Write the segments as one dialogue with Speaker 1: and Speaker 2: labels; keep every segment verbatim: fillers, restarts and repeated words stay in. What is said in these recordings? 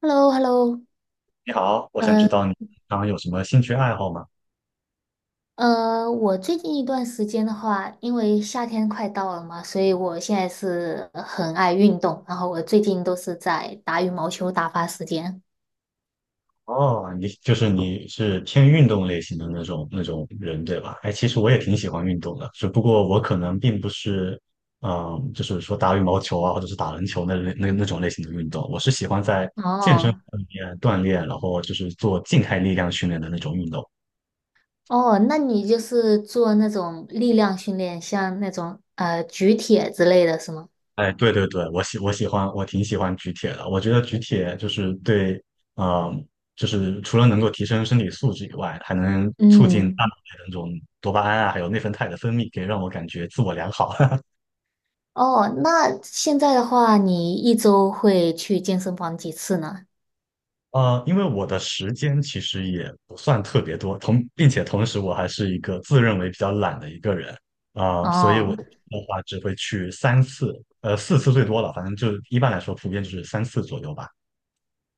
Speaker 1: Hello，Hello，
Speaker 2: 你好，我想知
Speaker 1: 嗯
Speaker 2: 道你平常有什么兴趣爱好吗？
Speaker 1: 呃，我最近一段时间的话，因为夏天快到了嘛，所以我现在是很爱运动，然后我最近都是在打羽毛球打发时间。
Speaker 2: 哦，你就是你是偏运动类型的那种那种人，对吧？哎，其实我也挺喜欢运动的，只不过我可能并不是，嗯，就是说打羽毛球啊，或者是打篮球那类那那种类型的运动。我是喜欢在健身
Speaker 1: 哦
Speaker 2: 房里面锻炼，然后就是做静态力量训练的那种运动。
Speaker 1: 哦，那你就是做那种力量训练，像那种呃举铁之类的是吗？
Speaker 2: 哎，对对对，我喜我喜欢，我挺喜欢举铁的。我觉得举铁就是对，嗯、就是除了能够提升身体素质以外，还能促进
Speaker 1: 嗯，
Speaker 2: 大脑的那种多巴胺啊，还有内啡肽的分泌，可以让我感觉自我良好。
Speaker 1: 哦，那现在的话，你一周会去健身房几次呢？
Speaker 2: 呃，因为我的时间其实也不算特别多，同并且同时我还是一个自认为比较懒的一个人，啊、所以我
Speaker 1: 哦。
Speaker 2: 的话只会去三次，呃，四次最多了，反正就一般来说普遍就是三次左右吧。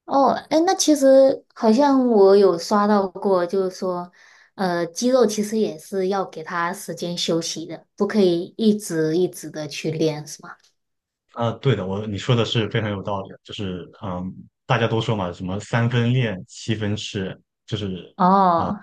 Speaker 1: 哦，哎，那其实好像我有刷到过，就是说，呃，肌肉其实也是要给它时间休息的，不可以一直一直的去练，是吗？
Speaker 2: 啊，对的，我你说的是非常有道理的，就是嗯，大家都说嘛，什么三分练，七分吃，就是
Speaker 1: 哦，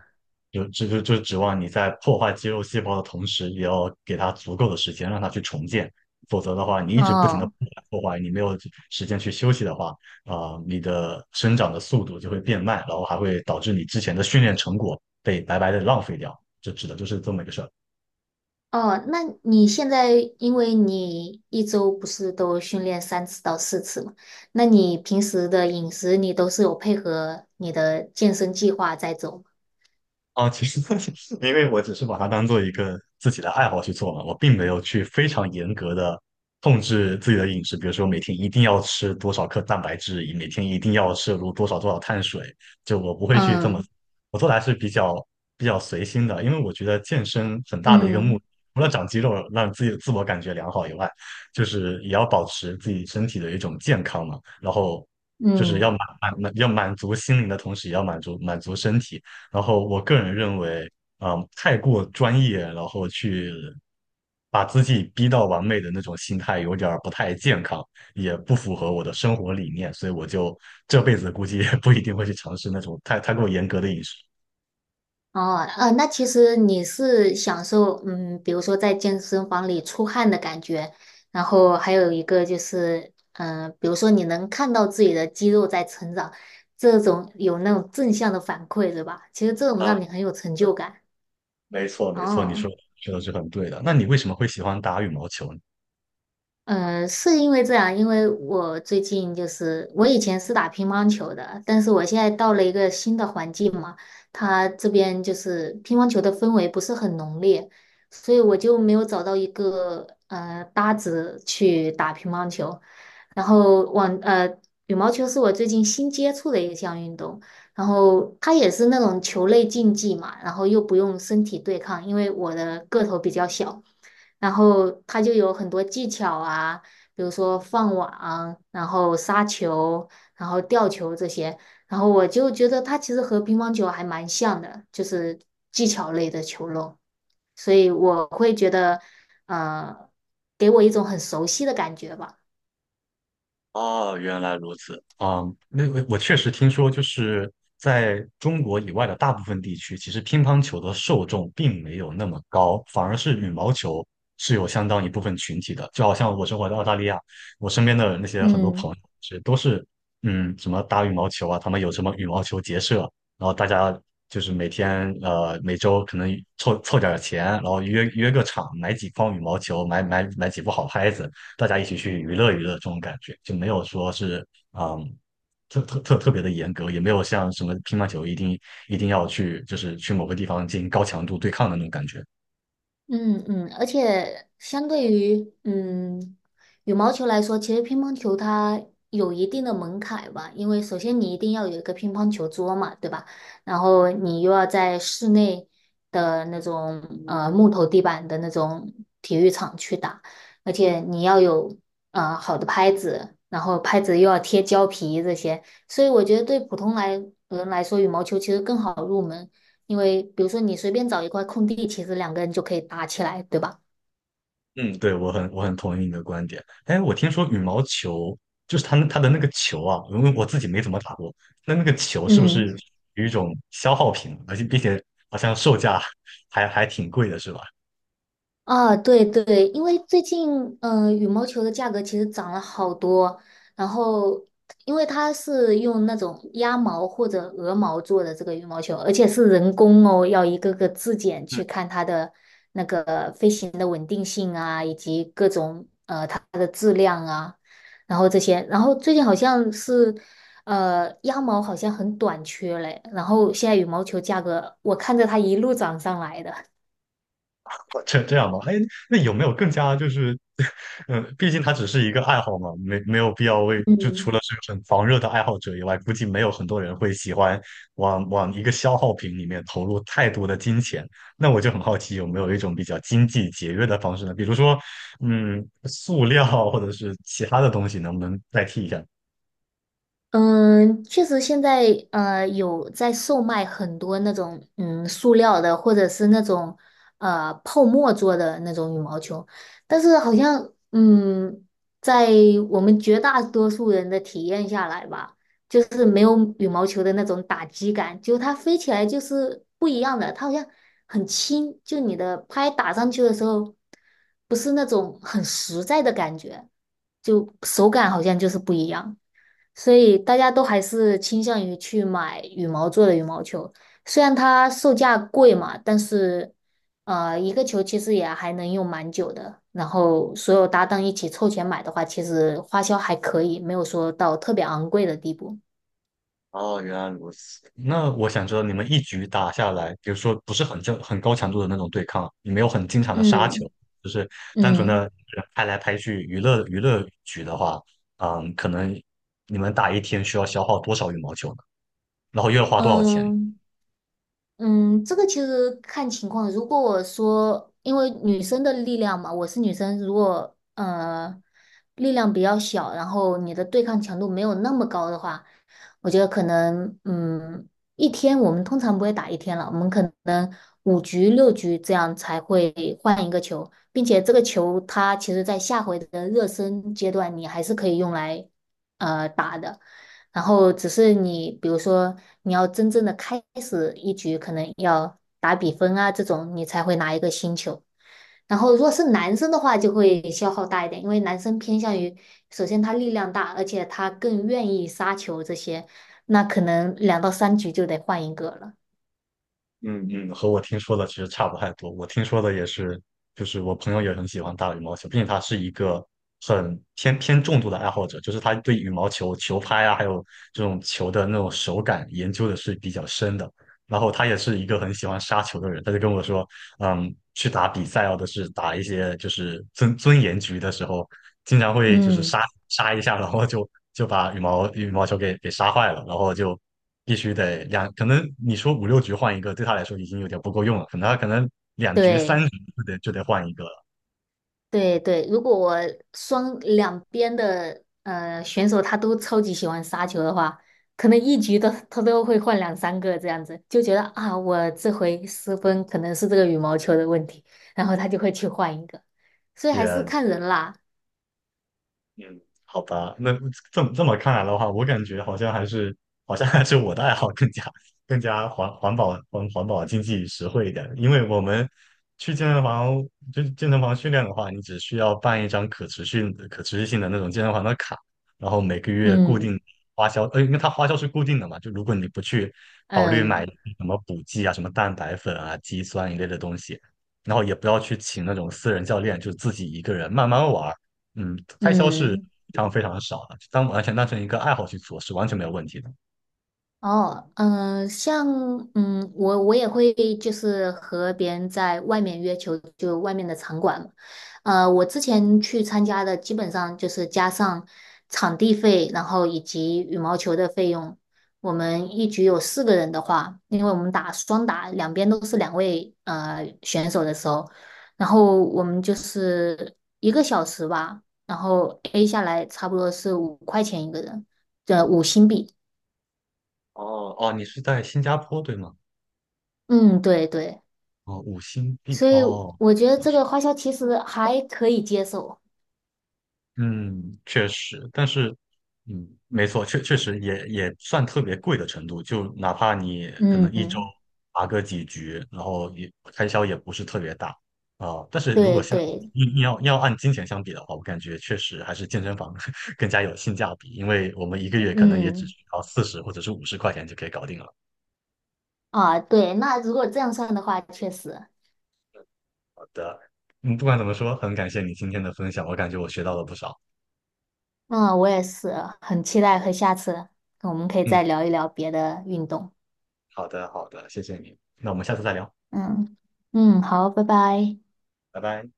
Speaker 2: 有这就就指望你在破坏肌肉细胞的同时，也要给它足够的时间让它去重建，否则的话，你一直不停的
Speaker 1: 哦，
Speaker 2: 破坏，你没有时间去休息的话，啊、你的生长的速度就会变慢，然后还会导致你之前的训练成果被白白的浪费掉，这指的就是这么一个事儿。
Speaker 1: 哦，那你现在因为你一周不是都训练三次到四次嘛，那你平时的饮食你都是有配合你的健身计划在走吗？
Speaker 2: 啊，其实 因为我只是把它当做一个自己的爱好去做嘛，我并没有去非常严格的控制自己的饮食，比如说每天一定要吃多少克蛋白质，以每天一定要摄入多少多少碳水，就我不会去这么，
Speaker 1: 嗯
Speaker 2: 我做的还是比较比较随心的，因为我觉得健身很大的一个目
Speaker 1: 嗯
Speaker 2: 的除了长肌肉，让自己自我感觉良好以外，就是也要保持自己身体的一种健康嘛，然后。就是要
Speaker 1: 嗯。
Speaker 2: 满满满要满足心灵的同时，也要满足满足身体，然后我个人认为，嗯，太过专业，然后去把自己逼到完美的那种心态，有点儿不太健康，也不符合我的生活理念，所以我就这辈子估计也不一定会去尝试那种太太过严格的饮食。
Speaker 1: 哦，呃，那其实你是享受，嗯，比如说在健身房里出汗的感觉，然后还有一个就是，嗯、比如说你能看到自己的肌肉在成长，这种有那种正向的反馈，对吧？其实这种
Speaker 2: 啊，
Speaker 1: 让你很有成
Speaker 2: 对，
Speaker 1: 就感。
Speaker 2: 没错，没错，你
Speaker 1: 哦，
Speaker 2: 说说的是很对的。那你为什么会喜欢打羽毛球呢？
Speaker 1: 嗯，是因为这样，因为我最近就是我以前是打乒乓球的，但是我现在到了一个新的环境嘛，他这边就是乒乓球的氛围不是很浓烈，所以我就没有找到一个呃搭子去打乒乓球。然后网呃羽毛球是我最近新接触的一项运动，然后它也是那种球类竞技嘛，然后又不用身体对抗，因为我的个头比较小。然后它就有很多技巧啊，比如说放网，然后杀球，然后吊球这些。然后我就觉得它其实和乒乓球还蛮像的，就是技巧类的球类，所以我会觉得，呃，给我一种很熟悉的感觉吧。
Speaker 2: 哦，原来如此。啊、那我我确实听说，就是在中国以外的大部分地区，其实乒乓球的受众并没有那么高，反而是羽毛球是有相当一部分群体的。就好像我生活在澳大利亚，我身边的那些很多
Speaker 1: 嗯。
Speaker 2: 朋友是都是，嗯，什么打羽毛球啊，他们有什么羽毛球结社，然后大家就是每天呃每周可能凑凑点儿钱，然后约约个场，买几筐羽毛球，买买买几副好拍子。大家一起去娱乐娱乐这种感觉，就没有说是嗯特特特特别的严格，也没有像什么乒乓球一定一定要去就是去某个地方进行高强度对抗的那种感觉。
Speaker 1: 嗯嗯，而且相对于嗯羽毛球来说，其实乒乓球它有一定的门槛吧，因为首先你一定要有一个乒乓球桌嘛，对吧？然后你又要在室内的那种呃木头地板的那种体育场去打，而且你要有呃好的拍子，然后拍子又要贴胶皮这些，所以我觉得对普通来人来说，羽毛球其实更好入门。因为比如说你随便找一块空地，其实两个人就可以打起来，对吧？
Speaker 2: 嗯，对，我很我很同意你的观点。哎，我听说羽毛球就是它那它的那个球啊，因为我自己没怎么打过，那那个球是不
Speaker 1: 嗯。
Speaker 2: 是有一种消耗品，而且并且好像售价还还挺贵的，是吧？
Speaker 1: 啊，对对，因为最近嗯、呃羽毛球的价格其实涨了好多，然后因为它是用那种鸭毛或者鹅毛做的这个羽毛球，而且是人工哦，要一个个质检去看它的那个飞行的稳定性啊，以及各种呃它的质量啊，然后这些，然后最近好像是呃鸭毛好像很短缺嘞，然后现在羽毛球价格我看着它一路涨上来的。
Speaker 2: 这这样吧，哎，那有没有更加就是，嗯，毕竟它只是一个爱好嘛，没没有必要为，就除
Speaker 1: 嗯。
Speaker 2: 了是个很狂热的爱好者以外，估计没有很多人会喜欢往往一个消耗品里面投入太多的金钱。那我就很好奇，有没有一种比较经济节约的方式呢？比如说，嗯，塑料或者是其他的东西，能不能代替一下？
Speaker 1: 嗯，确实现在呃有在售卖很多那种嗯塑料的或者是那种呃泡沫做的那种羽毛球，但是好像嗯在我们绝大多数人的体验下来吧，就是没有羽毛球的那种打击感，就它飞起来就是不一样的，它好像很轻，就你的拍打上去的时候，不是那种很实在的感觉，就手感好像就是不一样。所以大家都还是倾向于去买羽毛做的羽毛球，虽然它售价贵嘛，但是呃，一个球其实也还能用蛮久的。然后所有搭档一起凑钱买的话，其实花销还可以，没有说到特别昂贵的地步。
Speaker 2: 哦，原来如此。那我想知道，你们一局打下来，比如说不是很正、很高强度的那种对抗，你没有很经常的杀球，
Speaker 1: 嗯
Speaker 2: 就是单纯的
Speaker 1: 嗯。
Speaker 2: 人拍来拍去娱乐娱乐局的话，嗯，可能你们打一天需要消耗多少羽毛球呢？然后又要花多少钱？
Speaker 1: 嗯，嗯，这个其实看情况。如果我说，因为女生的力量嘛，我是女生，如果呃力量比较小，然后你的对抗强度没有那么高的话，我觉得可能嗯一天我们通常不会打一天了，我们可能五局六局这样才会换一个球，并且这个球它其实在下回的热身阶段你还是可以用来呃打的。然后只是你，比如说你要真正的开始一局，可能要打比分啊这种，你才会拿一个星球。然后如果是男生的话，就会消耗大一点，因为男生偏向于，首先他力量大，而且他更愿意杀球这些，那可能两到三局就得换一个了。
Speaker 2: 嗯嗯，和我听说的其实差不太多。我听说的也是，就是我朋友也很喜欢打羽毛球，并且他是一个很偏偏重度的爱好者，就是他对羽毛球球拍啊，还有这种球的那种手感研究的是比较深的。然后他也是一个很喜欢杀球的人，他就跟我说，嗯，去打比赛要的是打一些就是尊尊严局的时候，经常会就是
Speaker 1: 嗯，
Speaker 2: 杀 杀一下，然后就就把羽毛羽毛球给给杀坏了，然后就必须得两，可能你说五六局换一个，对他来说已经有点不够用了，可能他可能两局三
Speaker 1: 对。
Speaker 2: 局就得就得换一个了。
Speaker 1: 对对，如果我双两边的呃选手他都超级喜欢杀球的话，可能一局都他都会换两三个这样子，就觉得啊，我这回失分可能是这个羽毛球的问题，然后他就会去换一个，所以还是
Speaker 2: 也
Speaker 1: 看人啦。
Speaker 2: 嗯，好吧，那这么这么看来的话，我感觉好像还是好像还是我的爱好更加更加环环保环环保经济实惠一点，因为我们去健身房就健身房训练的话，你只需要办一张可持续可持续性的那种健身房的卡，然后每个月固定
Speaker 1: 嗯
Speaker 2: 花销，呃，因为它花销是固定的嘛，就如果你不去考虑买
Speaker 1: 嗯
Speaker 2: 什么补剂啊、什么蛋白粉啊、肌酸一类的东西，然后也不要去请那种私人教练，就自己一个人慢慢玩。嗯，开销是非
Speaker 1: 嗯。
Speaker 2: 常非常少的，当完全当成一个爱好去做是完全没有问题的。
Speaker 1: 哦，嗯、呃像嗯，我我也会就是和别人在外面约球，就外面的场馆嘛。呃，我之前去参加的基本上就是加上场地费，然后以及羽毛球的费用。我们一局有四个人的话，因为我们打双打，两边都是两位呃选手的时候，然后我们就是一个小时吧，然后 A 下来差不多是五块钱一个人，呃，五新币。
Speaker 2: 哦哦，你是在新加坡对吗？
Speaker 1: 嗯，对对。
Speaker 2: 哦，五星币
Speaker 1: 所以
Speaker 2: 哦，
Speaker 1: 我觉得
Speaker 2: 哦
Speaker 1: 这个花销其实还可以接受。
Speaker 2: 嗯，确实，但是，嗯，没错，确确实也也算特别贵的程度，就哪怕你可能一周
Speaker 1: 嗯，
Speaker 2: 打个几局，然后也开销也不是特别大啊，但是如果
Speaker 1: 对
Speaker 2: 像
Speaker 1: 对，
Speaker 2: 你你要要按金钱相比的话，我感觉确实还是健身房 更加有性价比，因为我们一个月可能也只
Speaker 1: 嗯
Speaker 2: 需要四十或者是五十块钱就可以搞定了。
Speaker 1: 啊，对，那如果这样算的话，确实，
Speaker 2: 好的，嗯，不管怎么说，很感谢你今天的分享，我感觉我学到了不少。
Speaker 1: 嗯，我也是很期待和下次我们可以
Speaker 2: 嗯，
Speaker 1: 再聊一聊别的运动。
Speaker 2: 好的，好的，谢谢你，那我们下次再聊，
Speaker 1: 嗯嗯，好，拜拜。
Speaker 2: 拜拜。